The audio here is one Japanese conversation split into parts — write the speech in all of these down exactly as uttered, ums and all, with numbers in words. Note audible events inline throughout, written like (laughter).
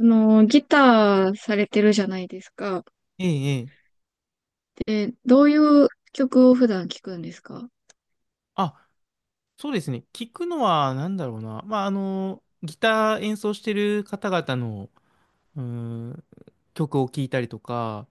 あの、ギターされてるじゃないですか。ええ、ええ。で、どういう曲を普段聴くんですか？あ、そうですね。聞くのは、なんだろうな。まあ、あの、ギター演奏してる方々の、うーん、曲を聴いたりとか、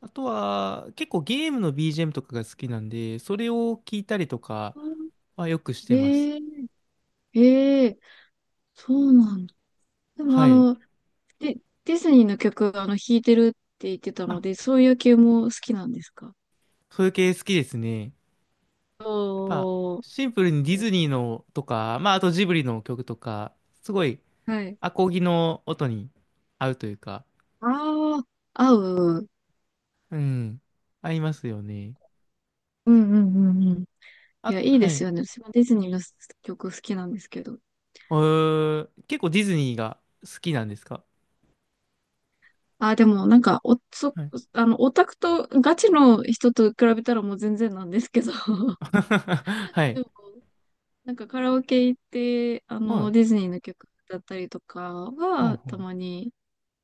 あとは、結構ゲームの ビージーエム とかが好きなんで、それを聞いたりとかあ、はよくしてます。ええ、ええ。そうなんだ。でもあはい。の、デ、ディズニーの曲、あの、弾いてるって言ってたのあ、で、そういう系も好きなんですか？そういう系好きですね。やっぱ、おー。シンプルにディやズニーのとか、まあ、あとジブリの曲とか、すごい、はい。アコギの音に合うというか、ああ、合う。うん、合いますよね。うんうんうんうん。いや、あ、いいはですい。よね。私もディズニーの曲好きなんですけど。えー、結構ディズニーが好きなんですか？あ、でもなんか、お、そ、はい。あの、オタクと、ガチの人と比べたらもう全然なんですけど、(laughs) (laughs) はい。でも、なんかカラオケ行って、あはの、ディい。ズニーの曲だったりとかはんは、はたんまに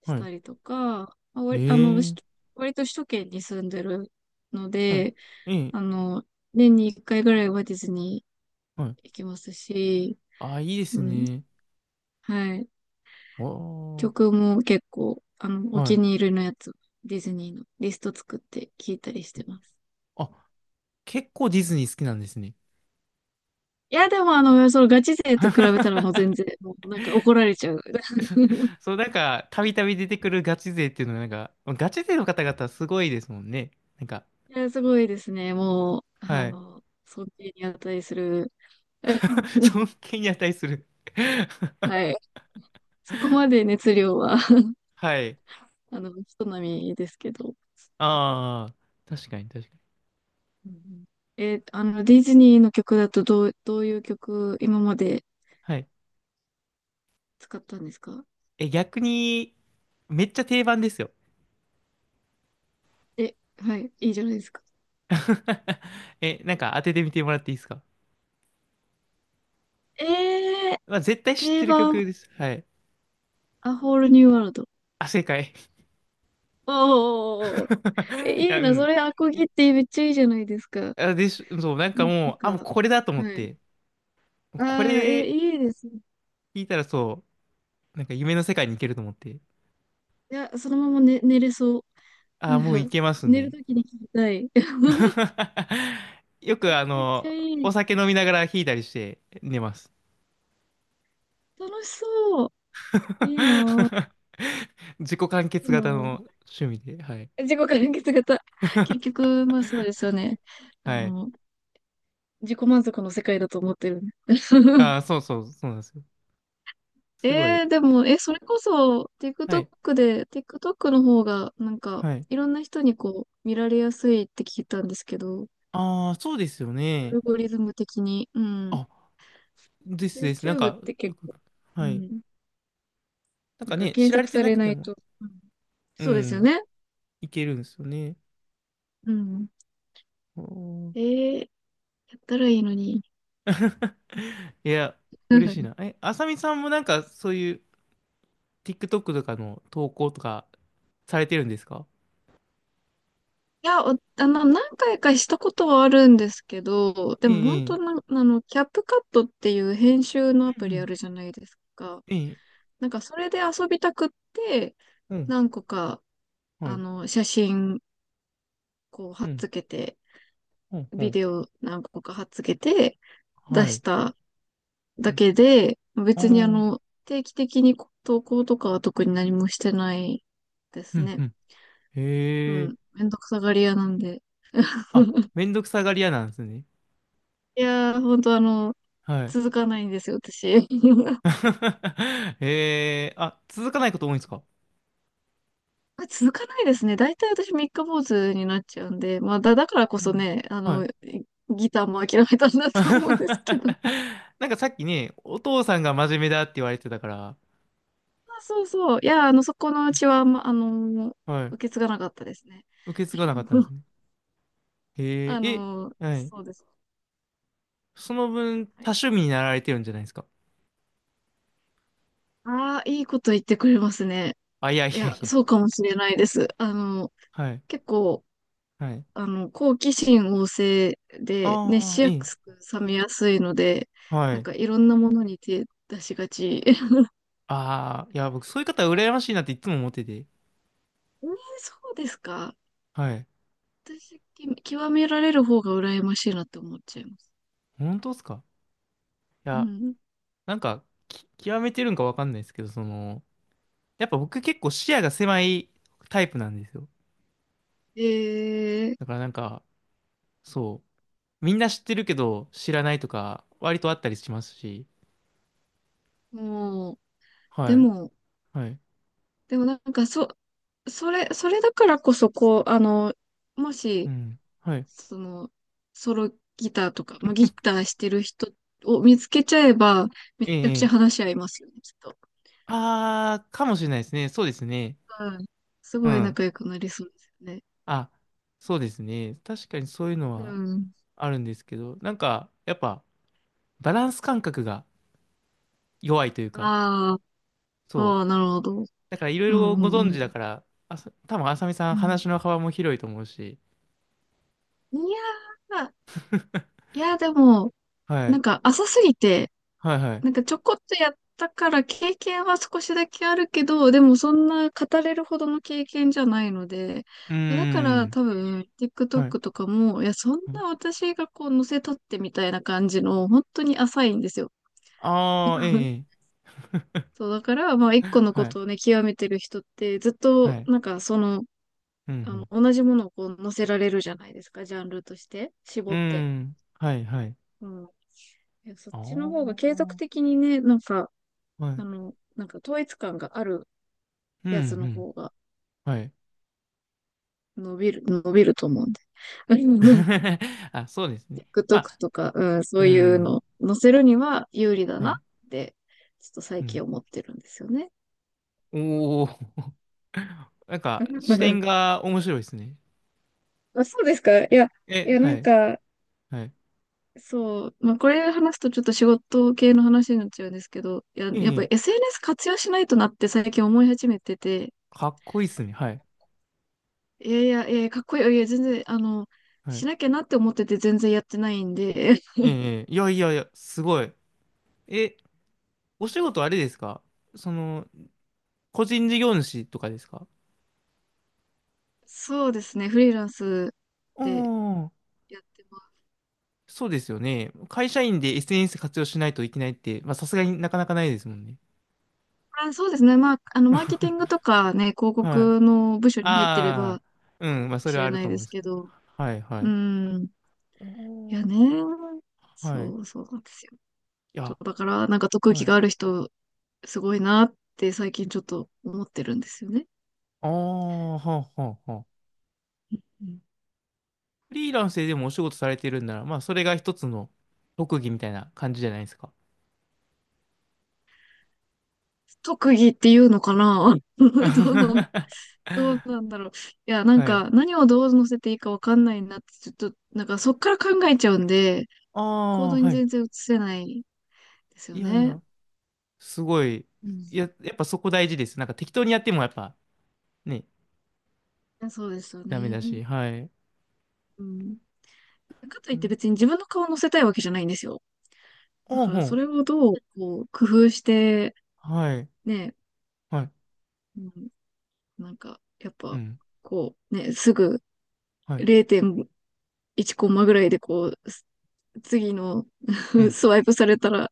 しはい。たりとか、まあ、割あの、しええ割と首都圏に住んでるのはで、い。えあえの、年にいっかいぐらいはディズニはい。ー行きますし、あ、いいですうん、ね。はい。おー。曲も結構、あの、おは気い。に入りのやつ、ディズニーのリスト作って聴いたりしてます。あ、結構ディズニー好きなんですね。いや、でもあの、そのガチ勢と比べたらもう (laughs) 全然、もうなんか怒られちゃう。(laughs) そう、なんか、たびたび出てくるガチ勢っていうのは、なんか、ガチ勢の方々すごいですもんね。なんか、いや、すごいですね。もう、あはい。の、尊敬に値する。(laughs) (laughs) 尊敬に値する (laughs) はい。そこまで熱量は (laughs) はい。あの、人並みですけど。ああ、確かに確かに。うんうん。え、あの、ディズニーの曲だとどう、どういう曲今まではい。使ったんですか？え、逆に、めっちゃ定番ですよ。え、はい、いいじゃないですか。(laughs) え、なんか当ててみてもらっていいですか？えー、まあ、絶対知っ定てる番、曲です。はい。A Whole New World。あ、正解。おー、え、(laughs) いいいや、うな、そん。れアコギってめっちゃいいじゃないですか。あ、でし、そう、なんかなんもう、あ、もうか、これだと思っはい。て、あこあ、え、れいいですね。聞いたらそう、なんか夢の世界に行けると思って、いや、そのまま寝、寝れそう。なあ、もう行んか、けます寝るね。ときに聞きたい。(laughs) (laughs) よえ、くあめっちゃの、いい。お酒飲みながら弾いたりして寝ます。楽しそう。いいなあ、(laughs) 自己完いい結な型の趣味で、はい。あ。自己完結型。結局、まあそうですよね。あはい。の、自己満足の世界だと思ってるんで。あ (laughs) あ、そうそう、そうなんですよ。すごい。えー、でも、え、それこそ、はい。TikTok で、TikTok の方が、なんか、はい。いろんな人にこう、見られやすいって聞いたんですけど、ああ、そうですよアね。ルゴリズム的に。うん。あ、ですです。なん YouTube っか、てよ結く、構、うはい。ん、なんなかんかね、知検られ索てさなれくてないも、と、うん、うそうですよん、ね。いけるんですよね。うん。おー えー、やったらいいのに。(laughs) いや、(laughs) いう嬉しいんな。え、あさみさんもなんか、そういう TikTok とかの投稿とかされてるんですか？や、おあの、何回かしたことはあるんですけど、でええ、もえ本当え、な、あの、キャップカットっていう編集のうんアプうリあん、るじゃないですか。ええ、なんかそれで遊びたくって、うん、何個か、はあい、の、写真、こう、貼うっん、つけて、うん、うビんデオ何個か貼っつけて出はしい、たうだん、けで、あ別にああ、の、定期的に投稿とかは特に何もしてないでうすん、うね。ん。うへえ。ん。めんどくさがり屋なんで。あ、(laughs) めんどくさがり屋なんですね。いやー、ほんとあの、はい。続かないんですよ、私。(laughs) (laughs) えー、あ、続かないこと多いんですか？続かないですね。大体私三日坊主になっちゃうんで、まあ、だ、だからこうそんね、あはい。の、ギターも諦めたんだ (laughs) と思うんですけど。(laughs) なんかさっきね、お父さんが真面目だって言われてたから、あ、そうそう。いや、あの、そこのうちは、ま、あの、はい。受け継がなかったですね。受け継がなかったんです (laughs) ね。へえあー、の、え、はい。そうです。その分、は多い。趣味になられてるんじゃないですか？ああ、いいこと言ってくれますね。あ、いやいいやいや、や。そうかもしれないです。あの、はい。結構、はい。あの、好奇心旺盛でね、熱ああ、しやええ。すく冷めやすいので、はなんい。かいろんなものに手出しがち。(laughs) えー、ああ、いや、僕、そういう方羨ましいなっていつも思ってて。そうですか。はい。私、き極められる方が羨ましいなって思っちゃいます。本当ですか？いうやん。なんか、き極めてるんかわかんないですけど、その、やっぱ僕結構視野が狭いタイプなんですよ。えー、だからなんか、そう、みんな知ってるけど知らないとか、割とあったりしますし、もう、はでい、も、はい、でもなんか、そ、それ、それだからこそ、こう、あの、もうし、ん、はい、そのソロギターとか、まあ、ギターしてる人を見つけちゃえば、めえちゃくちゃえ、ええ話し合いますよね、きっと。あー、かもしれないですね。そうですね。うん。すうごいん。仲良くなりそうですね。あ、そうですね。確かにそういうのうはん。あるんですけど、なんか、やっぱ、バランス感覚が弱いというか、ああ、そあう。あ、なるほど。だからいろいうんろごうん存う知ん。だから、あそ、多分あさみさんうん。話の幅も広いと思うし。いやー、いやーでも、はない。んか浅すぎて、はいはい。なんかちょこっとやったから経験は少しだけあるけど、でもそんな語れるほどの経験じゃないので、うーだからん。多分 はい。TikTok とかも、いや、そんな私がこう載せたってみたいな感じの、本当に浅いんですよ。ああー、ええ、(laughs) ええそう、だから、まあ一個のはこい。とをね、極めてる人ってずっはと、い。なんかその、うあの、ん、同じものをこう載せられるじゃないですか、ジャンルとして、う絞ん。って。うーん。はい、はい。うん。いや、そっあちの方があ、継続的にね、なんか、はあい。の、なんか統一感があるうん、うやつのん。方がはい。伸びる、伸びると思うんで。(laughs) (laughs) あ、そうですね。ま TikTok あ、とか、うん、そうういうん。の載せるには有利だはない。って、ちょっとう最ん。近思ってるんですよね。おお、なんか、視点 (laughs) が面白いですね。あ、そうですか。いや、いえ、や、なはんい。か、はい。そう、まあ、これ話すとちょっと仕事系の話になっちゃうんですけど、や、えやっぱり え、エスエヌエス 活用しないとなって最近思い始めてて、かっこいいですね。はい。いやいや、いや、かっこいい。いや、全然、あの、はいしなきゃなって思ってて全然やってないんで、ええ、ええいやいやいや、すごい。え、お仕事あれですか？その、個人事業主とかですか？ (laughs) そうですね、フリーランスおでー、やってます。そうですよね。会社員で エスエヌエス 活用しないといけないって、まあさすがになかなかないですもんね。あ、そうですね。まあ、あの、マーケティングとかね、広はい。告の部署に入ってれば、ああ、うあるん、まかあもそれしはれあるなとい思でうんですすけけど。ど。はいはうい。ん。おいやー、ね。はい。いそう、そうなんですよ。そや、う、だから、なんか特技はい。がある人、すごいなって最近ちょっと思ってるんですよね。ああ、はあはあはあ。うん。フリーランスででもお仕事されてるんなら、まあそれが一つの特技みたいな感じじゃないですか。特技っていうのかな。 (laughs) (laughs) どうなん、はどうなんだろう。いや、なんい。か、何をどう乗せていいかわかんないなって、ちょっと、なんかそっから考えちゃうんで、あ行あ、動にはい。全然移せないですよいやいね。や、すごい。うん、いや、やっぱそこ大事です。なんか適当にやってもやっぱね、やそうですよダメね。だし、はい。うん。かというってん。別に自分の顔を乗せたいわけじゃないんですよ。だああ、かほらそん。れをどう、こう、工夫して、はい。ね、はい。うん、なんか、やっうぱ、ん。こう、ね、すぐはい。ゼロてんいちコンマぐらいで、こう、す次の う (laughs) ん。スワイプされたら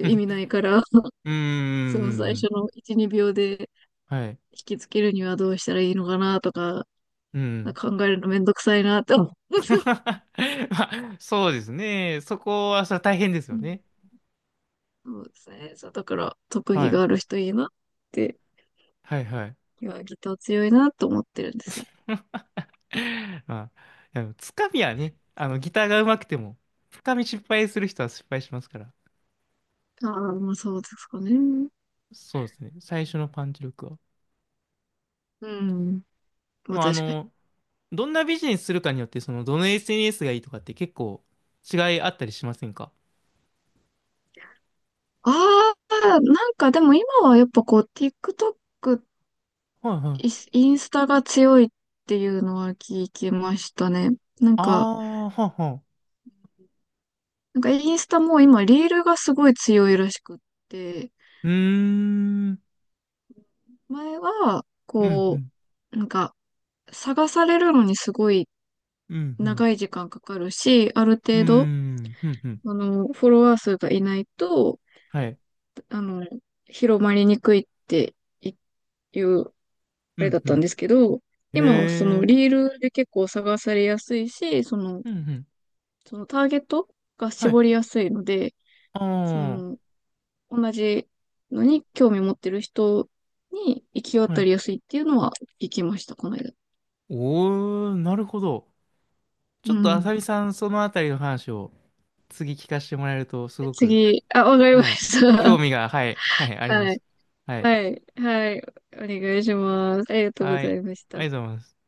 意 味ないから、うんうんう (laughs) そのん最う初ん。のいち、にびょうではい。引きつけるにはどうしたらいいのかなとか、うん。考えるのめんどくさいなって思 (laughs) まあ、そうですね。そこはそれは大変ですう。うよん、ね。そうですね。そう、だから、特は技がい。ある人いいなって、はいはい。いや、ギター強いなと思ってるんですよ。(laughs) まあ、いやつかみはね、あの、ギターが上手くても、つかみ失敗する人は失敗しますから。ああ、まあそうですかね。そうですね。最初のパンチ力は。うん。まであもあ確かに。の、どんなビジネスするかによって、その、どの エスエヌエス がいいとかって結構違いあったりしませんか？ああ、なんかでも今はやっぱこう、TikTok、はいはイい。インスタが強いっていうのは聞きましたね。なんあか、あ、はんはん。なんかインスタも今、リールがすごい強いらしくって、うーん。前は、うん、うこん、う、なんか、探されるのにすごいうん、うん。長い時間かかるし、あるうー程度、ん、うん、うん。あの、フォロワー数がいないと、はい。あの、広まりにくいっていう、あうれだん、っうたんん。ですけど、今はそへのえ。リールで結構探されやすいし、その、うん、うん。そのターゲットがはい。絞りやすいので、そあの、同じのに興味持ってる人に行きあ、は渡りやい。すいっていうのは聞きました、この間。おー、なるほど。ちょうっとあさん。りさん、そのあたりの話を次聞かせてもらえると、すごく、次、あ、わかりまはい。し興た。味が、はい、はい、(laughs) ありまはい。す。はい。はい。はい。お願いします。ありがとうごはざい。いましあた。りがとうございます。